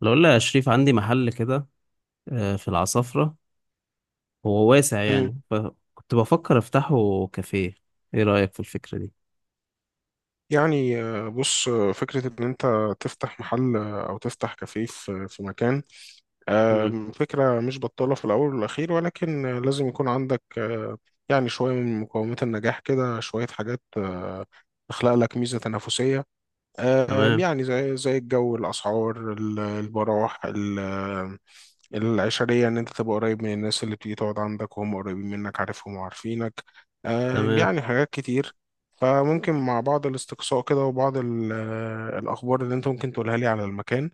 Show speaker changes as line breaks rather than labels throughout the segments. لو قلنا يا شريف، عندي محل كده في العصافرة. هو واسع
مم.
يعني، فكنت بفكر افتحه كافيه. ايه رأيك في الفكرة دي؟
بص، فكرة إن أنت تفتح محل أو تفتح كافيه في مكان.
مم.
فكرة مش بطالة في الأول والأخير، ولكن لازم يكون عندك يعني شوية من مقومات النجاح كده، شوية حاجات تخلق لك ميزة تنافسية.
تمام.
يعني زي الجو، الأسعار، البراح، العشرية، إن أنت تبقى قريب من الناس اللي بتيجي تقعد عندك، وهم قريبين منك، عارفهم وعارفينك.
تمام.
يعني حاجات كتير. فممكن مع بعض الاستقصاء كده وبعض الأخبار اللي أنت ممكن تقولها لي على المكان،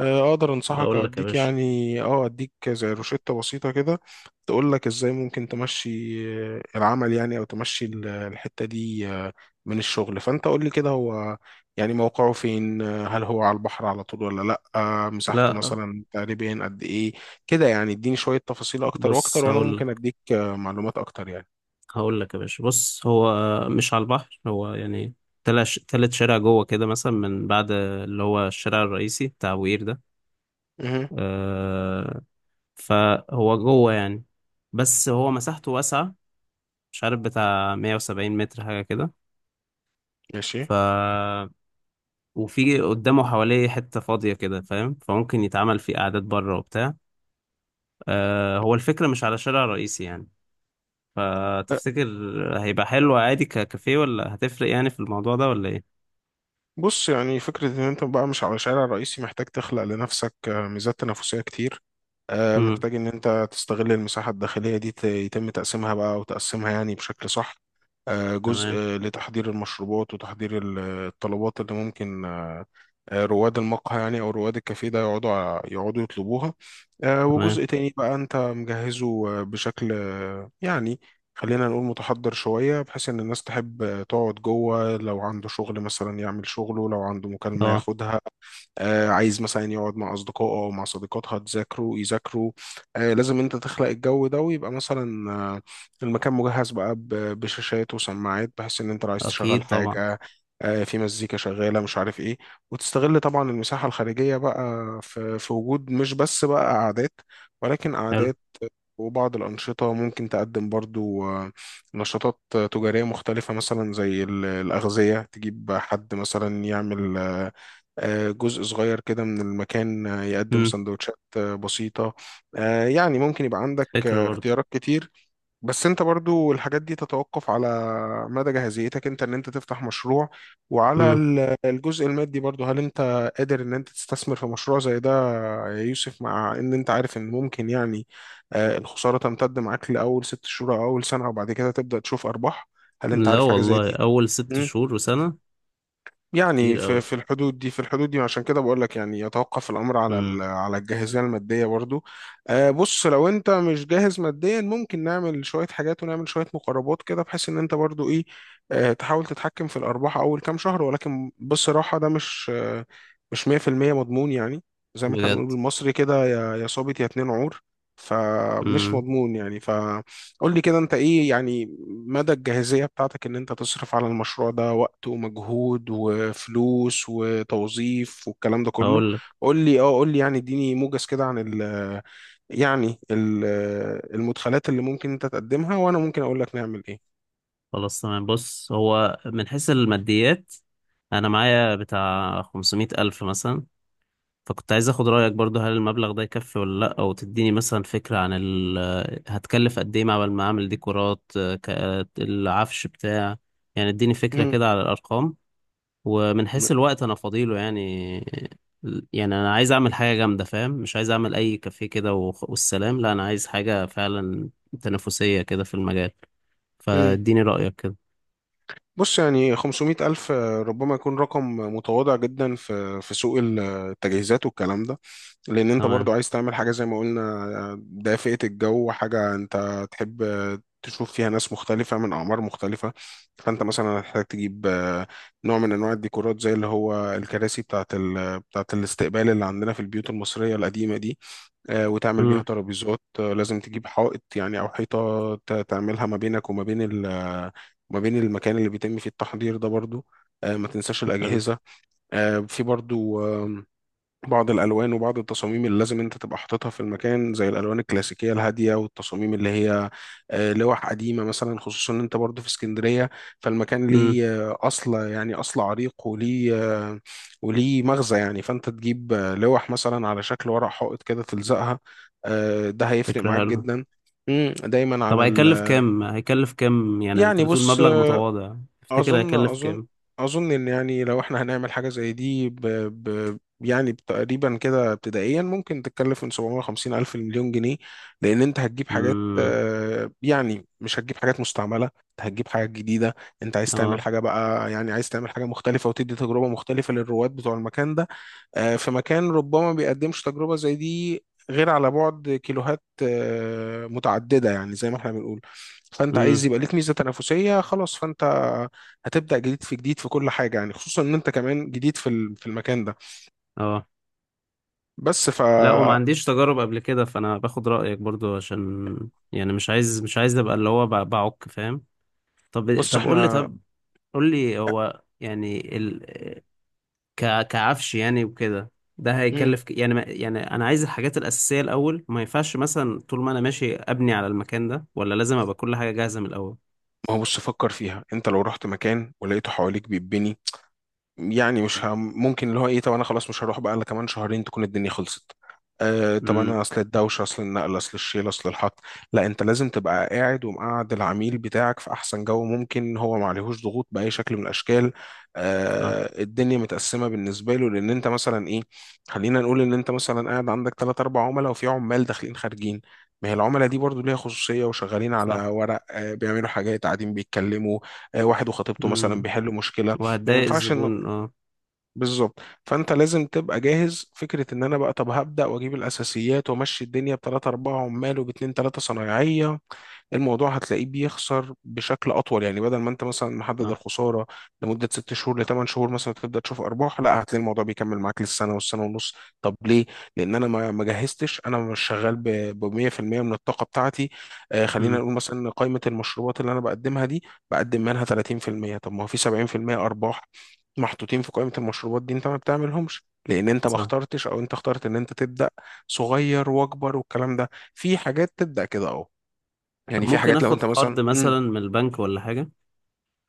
أقدر أنصحك
اقول
أو
لك يا
أديك،
باشا.
يعني أديك زي روشتة بسيطة كده تقول لك إزاي ممكن تمشي العمل، يعني، أو تمشي الحتة دي من الشغل. فأنت قول لي كده، هو يعني موقعه فين؟ هل هو على البحر على طول ولا لا؟ مساحته
لا.
مثلا تقريبا قد ايه كده؟ يعني اديني شوية تفاصيل اكتر
بص،
واكتر، وانا
هقول
ممكن
لك
اديك معلومات اكتر يعني.
هقول لك يا باشا، بص هو مش على البحر. هو يعني تلات تلات شارع جوه كده مثلا، من بعد اللي هو الشارع الرئيسي بتاع وير ده
مهم.
آه، فهو جوه يعني، بس هو مساحته واسعة، مش عارف بتاع 170 متر حاجة كده. ف
ماشي.
وفي قدامه حواليه حتة فاضية كده فاهم، فممكن يتعمل فيه قعدات بره وبتاع. هو الفكرة مش على شارع رئيسي يعني،
لا،
فتفتكر هيبقى حلو عادي ككافيه، ولا هتفرق يعني في الموضوع ده ولا ايه؟
بص، يعني فكرة إن أنت بقى مش على شارع رئيسي، محتاج تخلق لنفسك ميزات تنافسية كتير.
امم.
محتاج إن أنت تستغل المساحة الداخلية دي، يتم تقسيمها بقى، وتقسمها يعني بشكل صح. جزء
تمام.
لتحضير المشروبات وتحضير الطلبات اللي ممكن، رواد المقهى يعني او رواد الكافيه ده يقعدوا يقعدوا يطلبوها.
تمام.
وجزء تاني بقى انت مجهزه بشكل يعني خلينا نقول متحضر شوية، بحيث ان الناس تحب تقعد جوه، لو عنده شغل مثلا يعمل شغله، لو عنده مكالمة
اه.
ياخدها، عايز مثلا يقعد مع أصدقائه أو مع صديقاتها تذاكروا يذاكروا. لازم أنت تخلق الجو ده، ويبقى مثلا المكان مجهز بقى بشاشات وسماعات، بحيث إن أنت لو عايز تشغل
اكيد طبعا.
حاجة في مزيكا شغالة مش عارف إيه. وتستغل طبعا المساحة الخارجية بقى، في وجود مش بس بقى قعدات، ولكن
حلو.
قعدات وبعض الأنشطة ممكن تقدم برضو نشاطات تجارية مختلفة، مثلا زي الأغذية، تجيب حد مثلا يعمل جزء صغير كده من المكان يقدم
امم.
سندوتشات بسيطة. يعني ممكن يبقى عندك
فكرة برضه.
اختيارات كتير. بس انت برضو الحاجات دي تتوقف على مدى جاهزيتك انت ان انت تفتح مشروع، وعلى
امم.
الجزء المادي برضو. هل انت قادر ان انت تستثمر في مشروع زي ده يا يوسف؟ مع ان انت عارف ان ممكن يعني الخسارة تمتد معاك لأول 6 شهور او اول سنة، وبعد كده تبدأ تشوف ارباح. هل انت
لا
عارف حاجة زي
والله،
دي؟
اول 6 شهور وسنة.
يعني
كتير
في
قوي.
في الحدود دي، في الحدود دي، عشان كده بقول لك. يعني يتوقف الامر على
امم.
على الجاهزيه الماديه برضو. بص، لو انت مش جاهز ماديا، ممكن نعمل شويه حاجات ونعمل شويه مقربات كده، بحيث ان انت برضو ايه تحاول تتحكم في الارباح اول كام شهر. ولكن بصراحه، ده مش 100% مضمون يعني، زي ما احنا بنقول
بجد.
بالمصري كده: يا صابت يا اتنين عور. فمش
امم.
مضمون يعني. ف قول لي كده، انت ايه يعني مدى الجاهزية بتاعتك ان انت تصرف على المشروع ده وقت ومجهود وفلوس وتوظيف والكلام ده كله؟
هقول لك.
قول لي، قول لي يعني، اديني موجز كده عن ال، يعني المدخلات اللي ممكن انت تقدمها، وانا ممكن اقول لك نعمل ايه.
خلاص، تمام. بص هو من حيث الماديات، انا معايا بتاع 500 ألف مثلا. فكنت عايز اخد رأيك برضو، هل المبلغ ده يكفي ولا لا، او تديني مثلا فكرة عن هتكلف قد ايه عبال ما اعمل ديكورات العفش بتاع. يعني اديني فكرة
مم.
كده على الارقام. ومن حيث الوقت انا فاضيله يعني. يعني انا عايز اعمل حاجة جامدة فاهم، مش عايز اعمل اي كافيه كده والسلام. لا، انا عايز حاجة فعلا تنافسية كده في المجال.
مم.
فاديني رأيك كده.
بص، يعني 500 ألف ربما يكون رقم متواضع جدا في سوق التجهيزات والكلام ده. لأن أنت
تمام.
برضو عايز تعمل حاجة، زي ما قلنا، دافئة الجو، حاجة أنت تحب تشوف فيها ناس مختلفة من أعمار مختلفة. فأنت مثلا هتحتاج تجيب نوع من أنواع الديكورات، زي اللي هو الكراسي بتاعة بتاعة الاستقبال اللي عندنا في البيوت المصرية القديمة دي. وتعمل بيها
امم.
ترابيزات. لازم تجيب حائط يعني، او حيطه تعملها ما بينك وما بين ما بين المكان اللي بيتم فيه التحضير ده برضو. ما تنساش
حلو.
الاجهزه. في برضو بعض الالوان وبعض التصاميم اللي لازم انت تبقى حاططها في المكان، زي الالوان الكلاسيكيه الهاديه، والتصاميم اللي هي لوح قديمه مثلا. خصوصا ان انت برضو في اسكندريه، فالمكان
امم.
ليه اصل، يعني اصل عريق، آه، وليه مغزى يعني. فانت تجيب لوح مثلا على شكل ورق حائط كده تلزقها. ده هيفرق
فكرة
معاك
حلوة.
جدا. مم، دايما
طب
على
هيكلف
ال،
كام؟ هيكلف كام يعني؟ انت
يعني،
بتقول
بص،
مبلغ متواضع. تفتكر
اظن
هيكلف
اظن
كام؟
اظن ان، يعني لو احنا هنعمل حاجه زي دي، يعني تقريبا كده ابتدائيا ممكن تتكلف من 750 الف لمليون جنيه. لان انت هتجيب حاجات
امم.
يعني مش هتجيب حاجات مستعمله، انت هتجيب حاجات جديده. انت عايز تعمل
اه.
حاجه بقى، يعني عايز تعمل حاجه مختلفه، وتدي تجربه مختلفه للرواد بتوع المكان ده. في مكان ربما بيقدمش تجربة زي دي غير على بعد كيلوهات متعددة، يعني زي ما احنا بنقول. فانت
امم.
عايز يبقى ليك ميزة تنافسية خلاص. فانت هتبدأ جديد في جديد في كل حاجة، يعني خصوصا ان انت كمان جديد في في المكان ده.
اه.
بس ف،
لا، وما عنديش تجارب قبل كده، فانا باخد رأيك برضو عشان، يعني مش عايز ابقى اللي هو بعك فاهم. طب
بص
طب قول لي.
احنا.
طب قول لي هو يعني كعفش يعني وكده. ده
مم.
هيكلف ك... يعني ما... يعني انا عايز الحاجات الأساسية الأول. ما ينفعش مثلا طول ما انا ماشي ابني على المكان ده، ولا لازم ابقى كل حاجة جاهزة من الأول؟
ما هو، بص فكر فيها انت. لو رحت مكان ولقيته حواليك بيتبني، يعني مش هم ممكن اللي هو ايه؟ طب انا خلاص مش هروح بقى الا كمان شهرين تكون الدنيا خلصت. طب
امم.
انا اصل الدوشه، اصل النقل، اصل الشيل، اصل الحط. لا، انت لازم تبقى قاعد، ومقعد العميل بتاعك في احسن جو ممكن، هو ما عليهوش ضغوط باي شكل من الاشكال.
صح.
الدنيا متقسمه بالنسبه له، لان انت مثلا ايه، خلينا نقول ان انت مثلا قاعد عندك ثلاث اربع عملاء، وفي عمال داخلين خارجين. ما هي العملاء دي برضو ليها خصوصية، وشغالين على
صح.
ورق بيعملوا حاجات، قاعدين بيتكلموا، واحد وخطيبته مثلا
امم.
بيحلوا مشكلة. ما
وهتضايق
ينفعش
الزبون اه.
بالظبط. فانت لازم تبقى جاهز. فكره ان انا بقى طب هبدا واجيب الاساسيات وامشي الدنيا بثلاثه اربعه عمال وباتنين ثلاثه صنايعيه، الموضوع هتلاقيه بيخسر بشكل اطول. يعني بدل ما انت مثلا محدد
صح.
الخساره لمده 6 شهور لثمان شهور مثلا تبدا تشوف ارباح، لا، هتلاقي الموضوع بيكمل معاك للسنه والسنه ونص. طب ليه؟ لان انا ما جهزتش، انا مش شغال ب 100% من الطاقه بتاعتي. خلينا
امم.
نقول مثلا إن قائمه المشروبات اللي انا بقدمها دي، بقدم منها 30%. طب ما هو في 70% ارباح محطوطين في قائمه المشروبات دي، انت ما بتعملهمش، لان انت ما
صح.
اخترتش، او انت اخترت ان انت تبدا صغير واكبر والكلام ده. في حاجات تبدا كده اه.
طب
يعني في
ممكن
حاجات لو
اخد
انت مثلا،
قرض مثلا من البنك ولا حاجة؟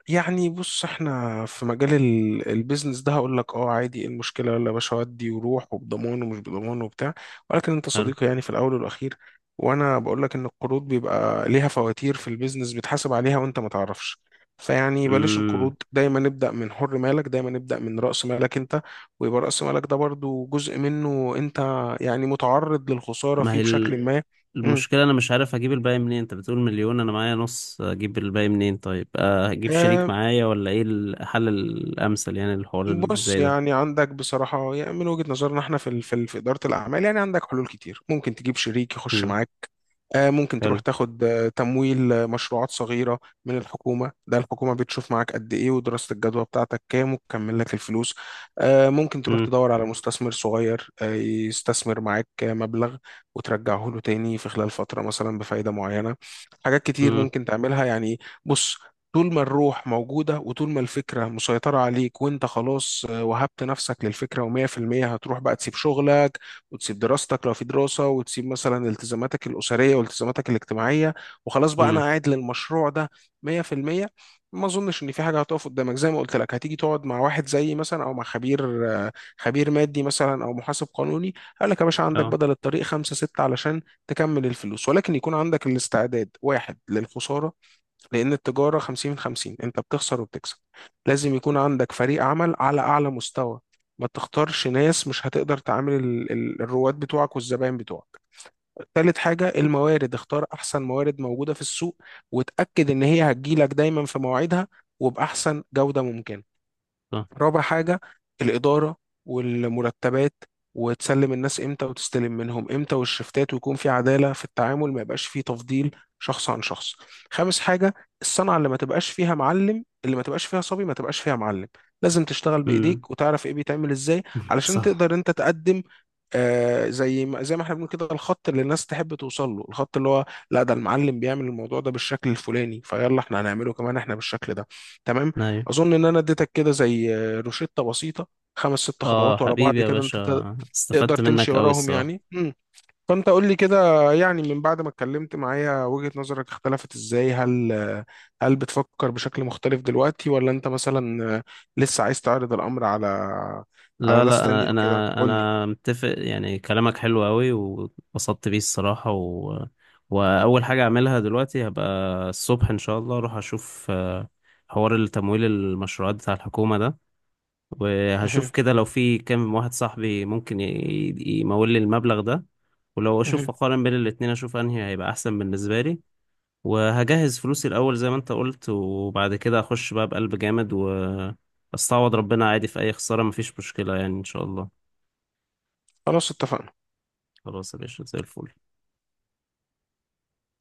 يعني بص احنا في مجال البيزنس ده، هقول لك اه، عادي، ايه المشكله؟ يلا يا باشا ودي وروح، وبضمان ومش بضمان وبتاع. ولكن انت
حلو.
صديقي يعني في الاول والاخير، وانا بقول لك ان القروض بيبقى ليها فواتير في البيزنس بتحاسب عليها وانت ما تعرفش. فيعني بلاش
امم.
القروض، دايما نبدا من حر مالك، دايما نبدا من راس مالك انت. ويبقى راس مالك ده برضو جزء منه انت يعني متعرض للخساره
ما هي
فيه بشكل ما.
المشكلة، انا مش عارف اجيب الباقي منين. انت بتقول مليون، انا معايا نص، اجيب الباقي منين؟ طيب هجيب شريك
امم
معايا، ولا ايه الحل الامثل يعني الحوار اللي
بص،
زي ده؟
يعني عندك بصراحة، يعني من وجهة نظرنا احنا في في إدارة الأعمال، يعني عندك حلول كتير. ممكن تجيب شريك يخش
امم.
معاك، ممكن تروح
حلو.
تاخد تمويل مشروعات صغيرة من الحكومة، ده الحكومة بتشوف معاك قد إيه، ودراسة الجدوى بتاعتك كام، وتكمل لك الفلوس. ممكن تروح
امم.
تدور على مستثمر صغير يستثمر معاك مبلغ، وترجعه له تاني في خلال فترة مثلا بفايدة معينة. حاجات كتير
امم.
ممكن تعملها يعني. بص، طول ما الروح موجودة، وطول ما الفكرة مسيطرة عليك، وانت خلاص وهبت نفسك للفكرة ومية في المية، هتروح بقى تسيب شغلك، وتسيب دراستك لو في دراسة، وتسيب مثلا التزاماتك الأسرية والتزاماتك الاجتماعية، وخلاص بقى أنا
امم.
قاعد للمشروع ده 100%، ما اظنش ان في حاجه هتقف قدامك. زي ما قلت لك، هتيجي تقعد مع واحد زيي مثلا او مع خبير خبير مادي مثلا او محاسب قانوني، قال لك يا باشا عندك
اه.
بدل الطريق خمسة ستة علشان تكمل الفلوس. ولكن يكون عندك الاستعداد، واحد، للخسارة، لأن التجارة 50-50، أنت بتخسر وبتكسب. لازم يكون عندك فريق عمل على أعلى مستوى، ما تختارش ناس مش هتقدر تعامل الرواد بتوعك والزبائن بتوعك. تالت حاجة الموارد، اختار أحسن موارد موجودة في السوق، وتأكد إن هي هتجيلك دايما في مواعيدها وبأحسن جودة ممكنة.
صح.
رابع حاجة، الإدارة والمرتبات، وتسلم الناس امتى وتستلم منهم امتى، والشفتات، ويكون في عدالة في التعامل، ما يبقاش فيه تفضيل شخص عن شخص. خامس حاجة، الصنعة، اللي ما تبقاش فيها معلم، اللي ما تبقاش فيها صبي، ما تبقاش فيها معلم. لازم تشتغل
امم.
بإيديك وتعرف ايه بيتعمل ازاي علشان
صح.
تقدر انت تقدم، زي ما احنا بنقول كده، الخط اللي الناس تحب توصل له، الخط اللي هو، لا، ده المعلم بيعمل الموضوع ده بالشكل الفلاني، فيلا احنا هنعمله كمان احنا بالشكل ده. تمام.
ايوه.
اظن ان انا اديتك كده زي روشتة بسيطة، خمس ست
اه
خطوات ورا بعض
حبيبي يا
كده، انت
باشا،
تقدر
استفدت
تمشي
منك قوي
وراهم
الصراحة.
يعني. مم. فانت قول لي كده، يعني من بعد ما اتكلمت معايا وجهة نظرك اختلفت ازاي؟ هل بتفكر بشكل مختلف دلوقتي، ولا انت مثلا لسه عايز تعرض الامر على
لا
ناس
لا،
تانية
انا
وكده؟
انا
قول لي.
انا متفق، يعني كلامك حلو قوي واتبسطت بيه الصراحه واول حاجه اعملها دلوقتي، هبقى الصبح ان شاء الله اروح اشوف حوار التمويل المشروعات بتاع الحكومه ده. وهشوف
مهم.
كده لو في كام واحد صاحبي ممكن يمول لي المبلغ ده. ولو اشوف
مهم.
اقارن بين الاتنين، اشوف انهي هيبقى احسن بالنسبه لي. وهجهز فلوسي الاول زي ما انت قلت، وبعد كده اخش بقى بقلب جامد. واستعوض ربنا عادي في اي خساره، مفيش مشكله يعني ان شاء الله.
خلاص، اتفقنا.
خلاص يا باشا، زي الفل.